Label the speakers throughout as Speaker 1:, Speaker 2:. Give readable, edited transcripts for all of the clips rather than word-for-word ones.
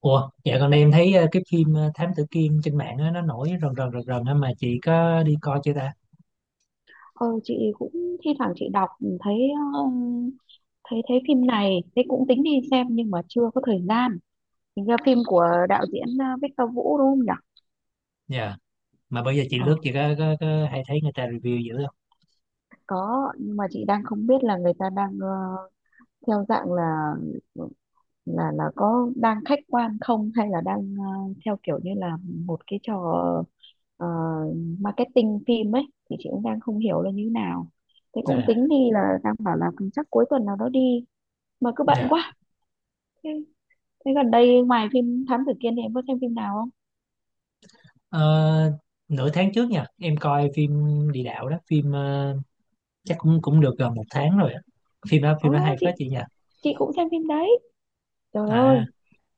Speaker 1: Ủa, dạ gần đây em thấy cái phim Thám Tử Kiên trên mạng á, nó nổi rần rần rần rần á, mà chị có đi coi chưa ta?
Speaker 2: Ờ chị cũng thi thoảng chị đọc thấy ờ, thấy thấy phim này, thế cũng tính đi xem nhưng mà chưa có thời gian. Hình ra phim của đạo diễn Victor Vũ đúng không nhỉ?
Speaker 1: Dạ. Mà bây giờ chị
Speaker 2: ờ
Speaker 1: lướt chị có hay thấy người ta review dữ không?
Speaker 2: có, nhưng mà chị đang không biết là người ta đang theo dạng là là có đang khách quan không, hay là đang theo kiểu như là một cái trò ờ, marketing phim ấy, thì chị cũng đang không hiểu là như thế nào. Thế
Speaker 1: À,
Speaker 2: cũng tính đi, là đang bảo là chắc cuối tuần nào đó đi, mà cứ bận
Speaker 1: dạ.
Speaker 2: quá. Thế Thế gần đây ngoài phim Thám Tử Kiên thì em có xem phim nào không?
Speaker 1: Ờ, Nửa tháng trước nha, em coi phim Địa Đạo đó, phim chắc cũng cũng được gần một tháng rồi á. Phim đó
Speaker 2: Ồ,
Speaker 1: hay phết
Speaker 2: chị
Speaker 1: chị nha.
Speaker 2: chị cũng xem phim đấy. Trời
Speaker 1: À,
Speaker 2: ơi,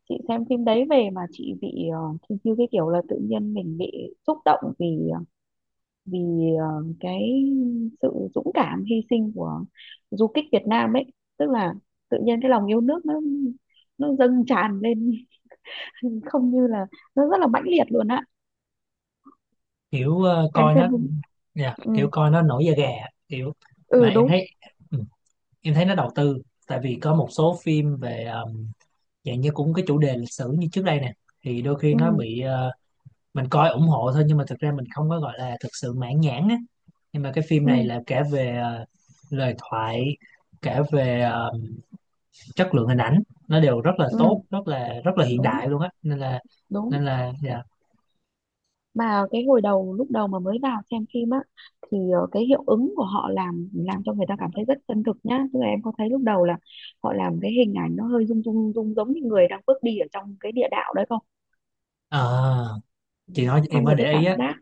Speaker 2: chị xem phim đấy về mà chị bị thì như cái kiểu là tự nhiên mình bị xúc động vì ờ, vì ờ, cái sự dũng cảm hy sinh của du kích Việt Nam ấy, tức là tự nhiên cái lòng yêu nước nó dâng tràn lên không, như là nó rất là mãnh liệt luôn á.
Speaker 1: kiểu ờ,
Speaker 2: Em
Speaker 1: coi
Speaker 2: xem
Speaker 1: nó
Speaker 2: phim
Speaker 1: dạ,
Speaker 2: ừ,
Speaker 1: kiểu coi nó nổi da gà kiểu mà
Speaker 2: ừ
Speaker 1: em
Speaker 2: đúng.
Speaker 1: thấy ừ, nó đầu tư, tại vì có một số phim về dạng như cũng cái chủ đề lịch sử như trước đây nè thì đôi khi
Speaker 2: Ừ,
Speaker 1: nó bị mình coi ủng hộ thôi, nhưng mà thực ra mình không có gọi là thực sự mãn nhãn á. Nhưng mà cái phim
Speaker 2: ừ,
Speaker 1: này là kể về lời thoại, kể về chất lượng hình ảnh, nó đều rất là tốt,
Speaker 2: ừ
Speaker 1: rất là hiện
Speaker 2: đúng,
Speaker 1: đại luôn á,
Speaker 2: đúng.
Speaker 1: nên là dạ.
Speaker 2: Mà cái hồi đầu, lúc đầu mà mới vào xem phim á, thì cái hiệu ứng của họ làm cho người ta cảm thấy rất chân thực nhá, tức là em có thấy lúc đầu là họ làm cái hình ảnh nó hơi rung rung rung giống như người đang bước đi ở trong cái địa đạo đấy không?
Speaker 1: Ờ, chị nói em
Speaker 2: Xong rồi
Speaker 1: mới
Speaker 2: cái
Speaker 1: để
Speaker 2: cảm
Speaker 1: ý á.
Speaker 2: giác,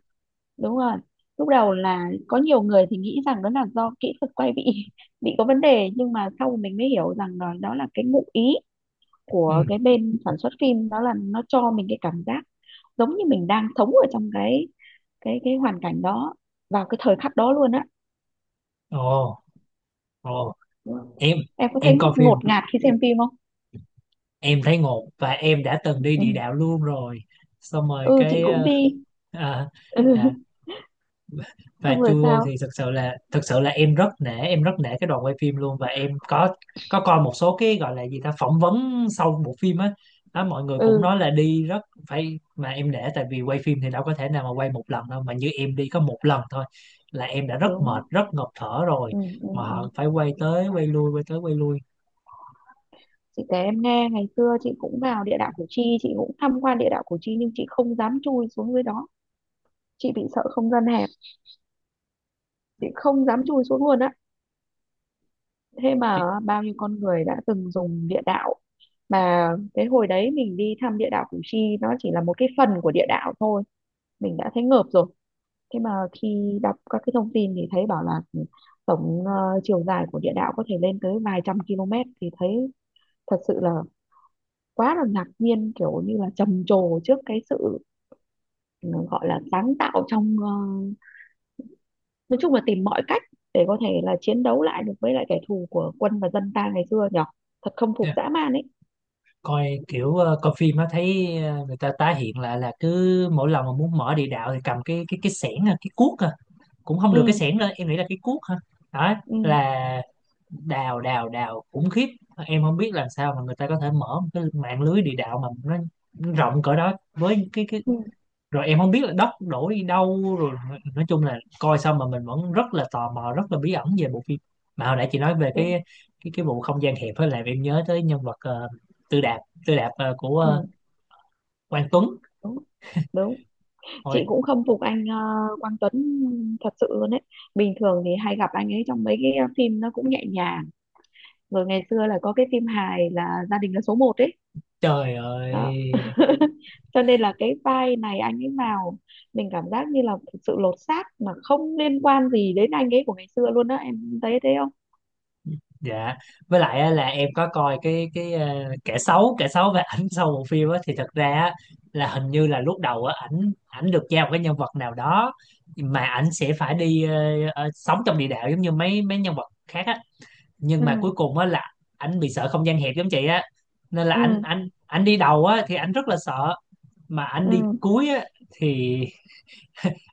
Speaker 2: đúng rồi, lúc đầu là có nhiều người thì nghĩ rằng đó là do kỹ thuật quay bị bị có vấn đề, nhưng mà sau mình mới hiểu rằng đó, đó là cái ngụ ý
Speaker 1: Ừ.
Speaker 2: của cái bên sản xuất phim, đó là nó cho mình cái cảm giác giống như mình đang sống ở trong cái cái hoàn cảnh đó, vào cái thời khắc đó luôn á.
Speaker 1: Ồ. Ồ.
Speaker 2: Vâng.
Speaker 1: Em
Speaker 2: Em có
Speaker 1: em
Speaker 2: thấy
Speaker 1: coi
Speaker 2: ngột
Speaker 1: phim
Speaker 2: ngạt khi xem phim không?
Speaker 1: em thấy ngột, và em đã từng đi
Speaker 2: Ừ,
Speaker 1: địa đạo luôn rồi. Xong rồi
Speaker 2: ừ chị
Speaker 1: cái
Speaker 2: cũng đi.
Speaker 1: à,
Speaker 2: Ừ.
Speaker 1: dạ. Và
Speaker 2: Xong rồi
Speaker 1: chui vô
Speaker 2: sao?
Speaker 1: thì thực sự là em rất nể cái đoàn quay phim luôn. Và em có coi một số cái gọi là gì ta, phỏng vấn sau bộ phim á. Đó, mọi người cũng
Speaker 2: Ừ
Speaker 1: nói là đi rất phải, mà em nể tại vì quay phim thì đâu có thể nào mà quay một lần đâu, mà như em đi có một lần thôi là em đã rất mệt
Speaker 2: đúng.
Speaker 1: rất ngộp thở rồi,
Speaker 2: Ừ, ừ,
Speaker 1: mà
Speaker 2: ừ.
Speaker 1: họ phải quay tới quay lui, quay tới quay lui.
Speaker 2: Chị kể em nghe, ngày xưa chị cũng vào địa đạo Củ Chi, chị cũng tham quan địa đạo Củ Chi nhưng chị không dám chui xuống dưới đó, chị bị sợ không gian hẹp, chị không dám chui xuống luôn á. Thế mà
Speaker 1: Chị-
Speaker 2: bao nhiêu con người đã từng dùng địa đạo. Mà cái hồi đấy mình đi thăm địa đạo Củ Chi, nó chỉ là một cái phần của địa đạo thôi, mình đã thấy ngợp rồi. Thế mà khi đọc các cái thông tin thì thấy bảo là tổng chiều dài của địa đạo có thể lên tới vài trăm km, thì thấy thật sự là quá là ngạc nhiên, kiểu như là trầm trồ trước cái sự ừ, gọi là sáng tạo trong nói chung là tìm mọi cách để có thể là chiến đấu lại được với lại kẻ thù của quân và dân ta ngày xưa nhỉ. Thật không phục, dã man ấy.
Speaker 1: Coi kiểu coi phim á thấy người ta tái hiện lại là cứ mỗi lần mà muốn mở địa đạo thì cầm cái xẻng à, cái cuốc à, cũng không được.
Speaker 2: Ừ,
Speaker 1: Cái xẻng lên, em nghĩ là cái cuốc hả? Đó
Speaker 2: ừ,
Speaker 1: là đào đào đào khủng khiếp. Em không biết làm sao mà người ta có thể mở một cái mạng lưới địa đạo mà nó rộng cỡ đó, với cái
Speaker 2: ừ
Speaker 1: rồi em không biết là đất đổ đi đâu rồi. Nói chung là coi xong mà mình vẫn rất là tò mò, rất là bí ẩn về bộ phim. Mà hồi nãy chị nói về
Speaker 2: đúng.
Speaker 1: cái vụ không gian hẹp, với lại em nhớ tới nhân vật Tư Đạp, Tư Đạp của
Speaker 2: Ừ,
Speaker 1: Quang Tuấn.
Speaker 2: đúng, đúng. Chị
Speaker 1: Ôi
Speaker 2: cũng không phục anh Quang Tuấn thật sự luôn đấy. Bình thường thì hay gặp anh ấy trong mấy cái phim nó cũng nhẹ nhàng, rồi ngày xưa là có cái phim hài là Gia Đình Là Số Một ấy
Speaker 1: trời
Speaker 2: đó.
Speaker 1: ơi,
Speaker 2: Cho nên là cái vai này anh ấy vào, mình cảm giác như là thực sự lột xác, mà không liên quan gì đến anh ấy của ngày xưa luôn, đó em thấy thế không?
Speaker 1: dạ. Với lại á, là em có coi cái kẻ xấu và ảnh sau bộ phim á thì thật ra á, là hình như là lúc đầu á, ảnh ảnh được giao một cái nhân vật nào đó mà ảnh sẽ phải đi sống trong địa đạo giống như mấy mấy nhân vật khác á. Nhưng mà
Speaker 2: Ừ,
Speaker 1: cuối cùng á là ảnh bị sợ không gian hẹp giống chị á, nên là ảnh
Speaker 2: ừ,
Speaker 1: ảnh ảnh đi đầu á thì ảnh rất là sợ, mà ảnh đi
Speaker 2: ừ,
Speaker 1: cuối á thì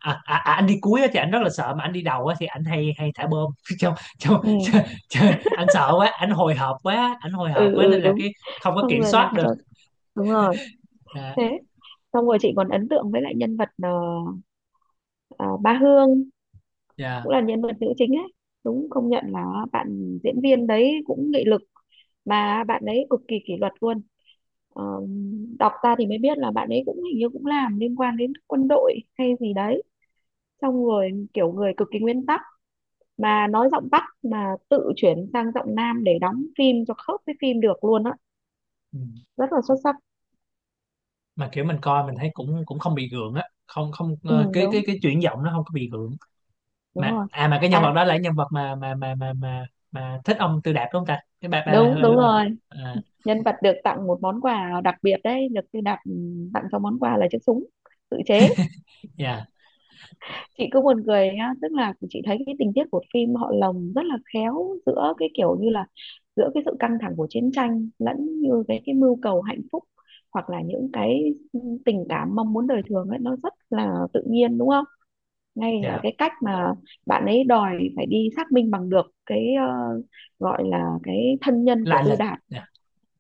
Speaker 1: anh đi cuối á thì anh rất là sợ, mà anh đi đầu á thì anh hay hay thả bom trong trong
Speaker 2: ừ,
Speaker 1: trời, anh sợ quá, anh hồi hộp quá, anh hồi hộp
Speaker 2: ừ,
Speaker 1: quá
Speaker 2: ừ
Speaker 1: nên là
Speaker 2: đúng.
Speaker 1: cái không có kiểm
Speaker 2: Xong rồi
Speaker 1: soát
Speaker 2: làm
Speaker 1: được.
Speaker 2: cho, đúng rồi.
Speaker 1: À,
Speaker 2: Thế xong rồi chị còn ấn tượng với lại nhân vật ờ, Ba Hương,
Speaker 1: dạ.
Speaker 2: cũng là nhân vật nữ chính ấy. Đúng, công nhận là bạn diễn viên đấy cũng nghị lực, mà bạn ấy cực kỳ kỷ luật luôn. Ờ, Đọc ra thì mới biết là bạn ấy cũng hình như cũng làm liên quan đến quân đội hay gì đấy, xong rồi kiểu người cực kỳ nguyên tắc, mà nói giọng Bắc mà tự chuyển sang giọng Nam để đóng phim cho khớp với phim được luôn á,
Speaker 1: Ừ.
Speaker 2: rất là xuất sắc.
Speaker 1: Mà kiểu mình coi mình thấy cũng cũng không bị gượng á, không không
Speaker 2: Ừ
Speaker 1: ờ, cái
Speaker 2: đúng,
Speaker 1: chuyển giọng nó không có bị gượng.
Speaker 2: đúng
Speaker 1: Mà
Speaker 2: rồi.
Speaker 1: mà cái nhân
Speaker 2: À,
Speaker 1: vật đó là cái nhân vật mà thích ông Tư Đạp đúng không ta? Cái bà bà, bà,
Speaker 2: đúng, đúng
Speaker 1: bà, bà.
Speaker 2: rồi.
Speaker 1: À,
Speaker 2: Nhân vật được tặng một món quà đặc biệt đấy, được được đặt, tặng cho món quà là chiếc súng tự chế.
Speaker 1: dạ,
Speaker 2: Chị cứ buồn cười nhá, tức là chị thấy cái tình tiết của phim họ lồng rất là khéo giữa cái kiểu như là giữa cái sự căng thẳng của chiến tranh lẫn như cái mưu cầu hạnh phúc, hoặc là những cái tình cảm mong muốn đời thường ấy, nó rất là tự nhiên đúng không? Ngay ở
Speaker 1: dạ,
Speaker 2: cái cách mà bạn ấy đòi phải đi xác minh bằng được cái gọi là cái thân nhân của
Speaker 1: La
Speaker 2: Tư
Speaker 1: Lịch,
Speaker 2: Đảo
Speaker 1: dạ.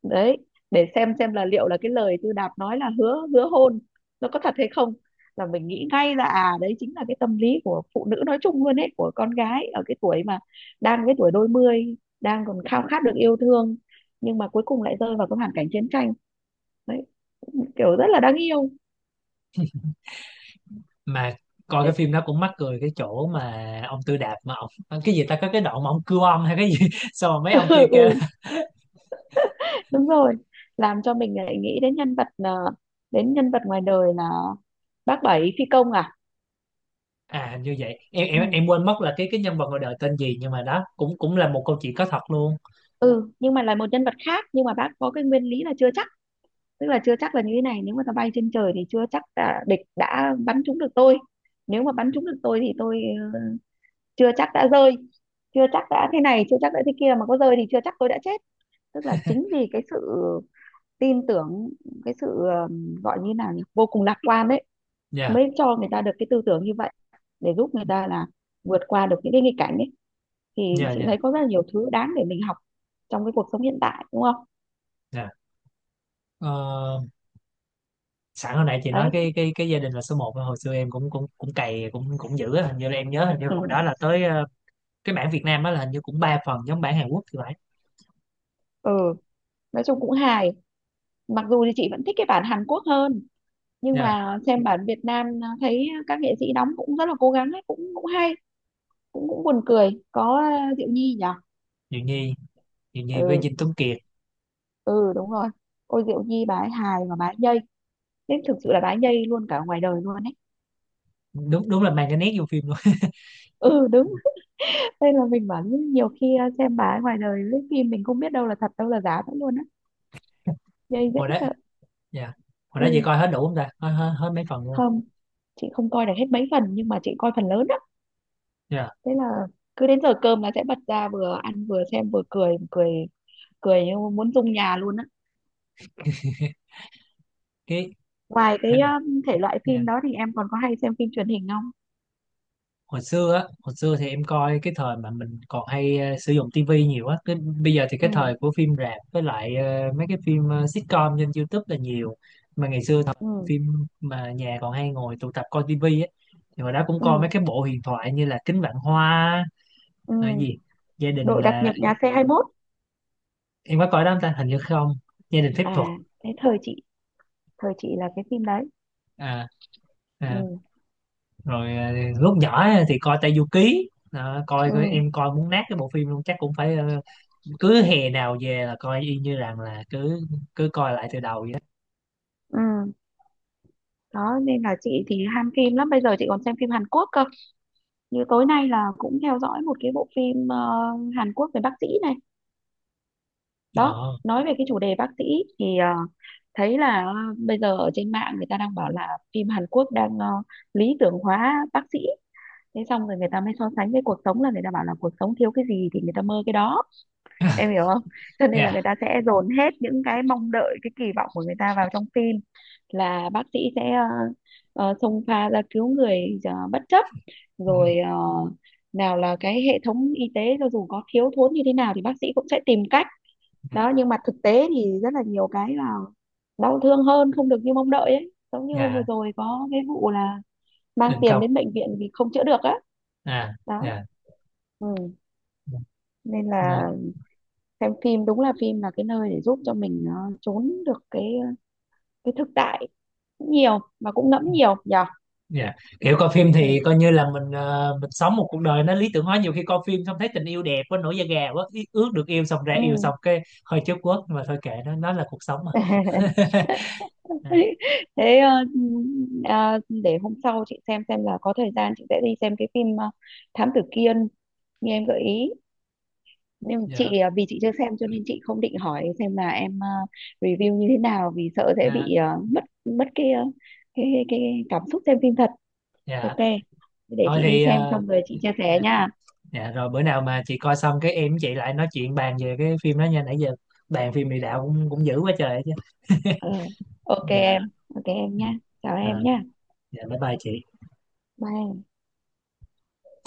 Speaker 2: đấy, để xem là liệu là cái lời Tư Đạp nói là hứa hứa hôn nó có thật hay không, là mình nghĩ ngay là à, đấy chính là cái tâm lý của phụ nữ nói chung luôn ấy, của con gái ở cái tuổi mà đang cái tuổi đôi mươi, đang còn khao khát được yêu thương nhưng mà cuối cùng lại rơi vào cái hoàn cảnh chiến tranh đấy, kiểu rất là đáng yêu.
Speaker 1: Mà coi cái phim đó cũng mắc cười cái chỗ mà ông Tư Đạp mà ông cái gì ta, có cái đoạn mà ông cưa ông hay cái gì xong rồi mấy ông kia
Speaker 2: Ừ,
Speaker 1: kêu.
Speaker 2: ừ, đúng rồi. Làm cho mình lại nghĩ đến nhân vật, đến nhân vật ngoài đời là bác Bảy phi công à.
Speaker 1: À hình như vậy, em em
Speaker 2: Ừ.
Speaker 1: em quên mất là cái nhân vật ngoài đời tên gì, nhưng mà đó cũng cũng là một câu chuyện có thật luôn.
Speaker 2: Ừ, nhưng mà là một nhân vật khác, nhưng mà bác có cái nguyên lý là chưa chắc, tức là chưa chắc, là như thế này, nếu mà nó bay trên trời thì chưa chắc là địch đã bắn trúng được tôi, nếu mà bắn trúng được tôi thì tôi ờ, chưa chắc đã rơi, chưa chắc đã thế này, chưa chắc đã thế kia, mà có rơi thì chưa chắc tôi đã chết. Tức là chính vì cái sự tin tưởng, cái sự gọi như nào nhỉ, vô cùng lạc quan đấy,
Speaker 1: Dạ,
Speaker 2: mới cho người ta được cái tư tưởng như vậy, để giúp người ta là vượt qua được những cái nghịch cảnh ấy. Thì
Speaker 1: dạ,
Speaker 2: chị
Speaker 1: dạ,
Speaker 2: thấy có rất là nhiều thứ đáng để mình học trong cái cuộc sống hiện tại đúng không?
Speaker 1: dạ. Ờ, Sẵn hồi nãy chị nói
Speaker 2: Đấy.
Speaker 1: cái gia đình là số một, hồi xưa em cũng cũng cũng cày cũng cũng dữ á. Hình như là em nhớ, hình như hồi
Speaker 2: Ừ,
Speaker 1: đó là tới cái bản Việt Nam đó là hình như cũng ba phần giống bản Hàn Quốc thì phải.
Speaker 2: ừ. Nói chung cũng hài, mặc dù thì chị vẫn thích cái bản Hàn Quốc hơn, nhưng
Speaker 1: Dạ.
Speaker 2: mà xem bản Việt Nam thấy các nghệ sĩ đóng cũng rất là cố gắng ấy, cũng cũng hay, cũng cũng buồn cười, có Diệu Nhi nhỉ.
Speaker 1: Diệu Nhi, Diệu Nhi với
Speaker 2: Ừ,
Speaker 1: Dinh Tuấn Kiệt.
Speaker 2: ừ đúng rồi. Ôi Diệu Nhi, bà ấy hài và bà ấy nhây, nên thực sự là bà ấy nhây luôn cả ngoài đời luôn ấy.
Speaker 1: Đúng, đúng là mang cái nét vô phim luôn.
Speaker 2: Ừ đúng. Nên là mình bảo nhiều khi xem bà ấy ngoài đời lấy phim mình không biết đâu là thật đâu là giả nữa luôn á, nhây dễ
Speaker 1: Hồi đó,
Speaker 2: sợ.
Speaker 1: dạ, hồi đó chị
Speaker 2: Ừ.
Speaker 1: coi hết đủ không ta? Hết, hết, hết mấy phần luôn.
Speaker 2: Không, chị không coi được hết mấy phần nhưng mà chị coi phần lớn á.
Speaker 1: Dạ.
Speaker 2: Thế là cứ đến giờ cơm là sẽ bật ra, vừa ăn vừa xem vừa cười cười cười như muốn rung nhà luôn á.
Speaker 1: Cái
Speaker 2: Ngoài cái thể loại
Speaker 1: dạ.
Speaker 2: phim đó thì em còn có hay xem phim truyền hình không?
Speaker 1: Hồi xưa á, hồi xưa thì em coi cái thời mà mình còn hay sử dụng tivi nhiều á. Cái bây giờ thì
Speaker 2: Ừ,
Speaker 1: cái thời của phim rạp, với lại mấy cái phim sitcom trên YouTube là nhiều. Mà ngày xưa thời mà
Speaker 2: ừ,
Speaker 1: phim mà nhà còn hay ngồi tụ tập coi tivi á thì hồi đó cũng coi
Speaker 2: ừ,
Speaker 1: mấy cái bộ huyền thoại như là Kính Vạn Hoa là cái
Speaker 2: ừ.
Speaker 1: gì, gia đình
Speaker 2: Đội đặc
Speaker 1: là
Speaker 2: nhiệm nhà xe 21.
Speaker 1: em có coi đó không ta, hình như không. Gia đình phép thuật.
Speaker 2: À, thế thời chị, thời chị là cái phim đấy.
Speaker 1: À, à,
Speaker 2: Ừ,
Speaker 1: rồi lúc nhỏ á thì coi Tayuki. Đó, coi coi-
Speaker 2: ừ,
Speaker 1: em coi muốn nát cái bộ phim luôn, chắc cũng phải cứ hè nào về là coi y như rằng là cứ cứ coi lại từ đầu vậy đó.
Speaker 2: ừ. Đó nên là chị thì ham phim lắm, bây giờ chị còn xem phim Hàn Quốc cơ. Như tối nay là cũng theo dõi một cái bộ phim Hàn Quốc về bác sĩ này đó,
Speaker 1: Ờ,
Speaker 2: nói về cái chủ đề bác sĩ. Thì thấy là bây giờ ở trên mạng người ta đang bảo là phim Hàn Quốc đang lý tưởng hóa bác sĩ. Thế xong rồi người ta mới so sánh với cuộc sống, là người ta bảo là cuộc sống thiếu cái gì thì người ta mơ cái đó, em hiểu không? Cho nên là
Speaker 1: dạ,
Speaker 2: người ta sẽ dồn hết những cái mong đợi, cái kỳ vọng của người ta vào trong phim, là bác sĩ sẽ xông pha ra cứu người, bất chấp, rồi nào là cái hệ thống y tế cho dù có thiếu thốn như thế nào thì bác sĩ cũng sẽ tìm cách.
Speaker 1: dạ,
Speaker 2: Đó, nhưng mà thực tế thì rất là nhiều cái là đau thương hơn, không được như mong đợi ấy, giống như hôm vừa
Speaker 1: dạ.
Speaker 2: rồi có cái vụ là mang
Speaker 1: Đình
Speaker 2: tiền
Speaker 1: công.
Speaker 2: đến bệnh viện vì không chữa được á.
Speaker 1: À
Speaker 2: Đó.
Speaker 1: dạ.
Speaker 2: Ừ. Nên là
Speaker 1: Nên-
Speaker 2: xem phim đúng là phim là cái nơi để giúp cho mình trốn được cái cái thực tại nhiều, mà cũng ngẫm nhiều nhở.
Speaker 1: dạ, kiểu coi phim thì
Speaker 2: Ừ.
Speaker 1: coi như là mình, mình sống một cuộc đời nó lý tưởng hóa, nhiều khi coi phim xong thấy tình yêu đẹp quá, nổi da gà quá, ước được yêu, xong ra
Speaker 2: Ừ.
Speaker 1: yêu xong cái hơi chớp quất, mà thôi kệ nó là cuộc sống mà. À,
Speaker 2: Thế để hôm sau chị xem là có thời gian chị sẽ đi xem cái phim Thám Tử Kiên như em gợi ý. Nhưng
Speaker 1: dạ,
Speaker 2: chị vì chị chưa xem cho nên chị không định hỏi xem là em review như thế nào, vì sợ sẽ
Speaker 1: à,
Speaker 2: bị mất mất cái cái cảm xúc xem phim thật.
Speaker 1: dạ,
Speaker 2: Ok, để
Speaker 1: thôi
Speaker 2: chị đi
Speaker 1: thì
Speaker 2: xem xong rồi chị chia sẻ
Speaker 1: dạ,
Speaker 2: nha.
Speaker 1: dạ, rồi bữa nào mà chị coi xong cái em với chị lại nói chuyện bàn về cái phim đó nha. Nãy giờ bàn phim mì đạo cũng cũng dữ quá trời chứ.
Speaker 2: Ừ. Ok
Speaker 1: Dạ.
Speaker 2: em. Ok em
Speaker 1: Ừ.
Speaker 2: nhá, chào em
Speaker 1: Ờ,
Speaker 2: nhá,
Speaker 1: dạ, bye bye chị
Speaker 2: bye em.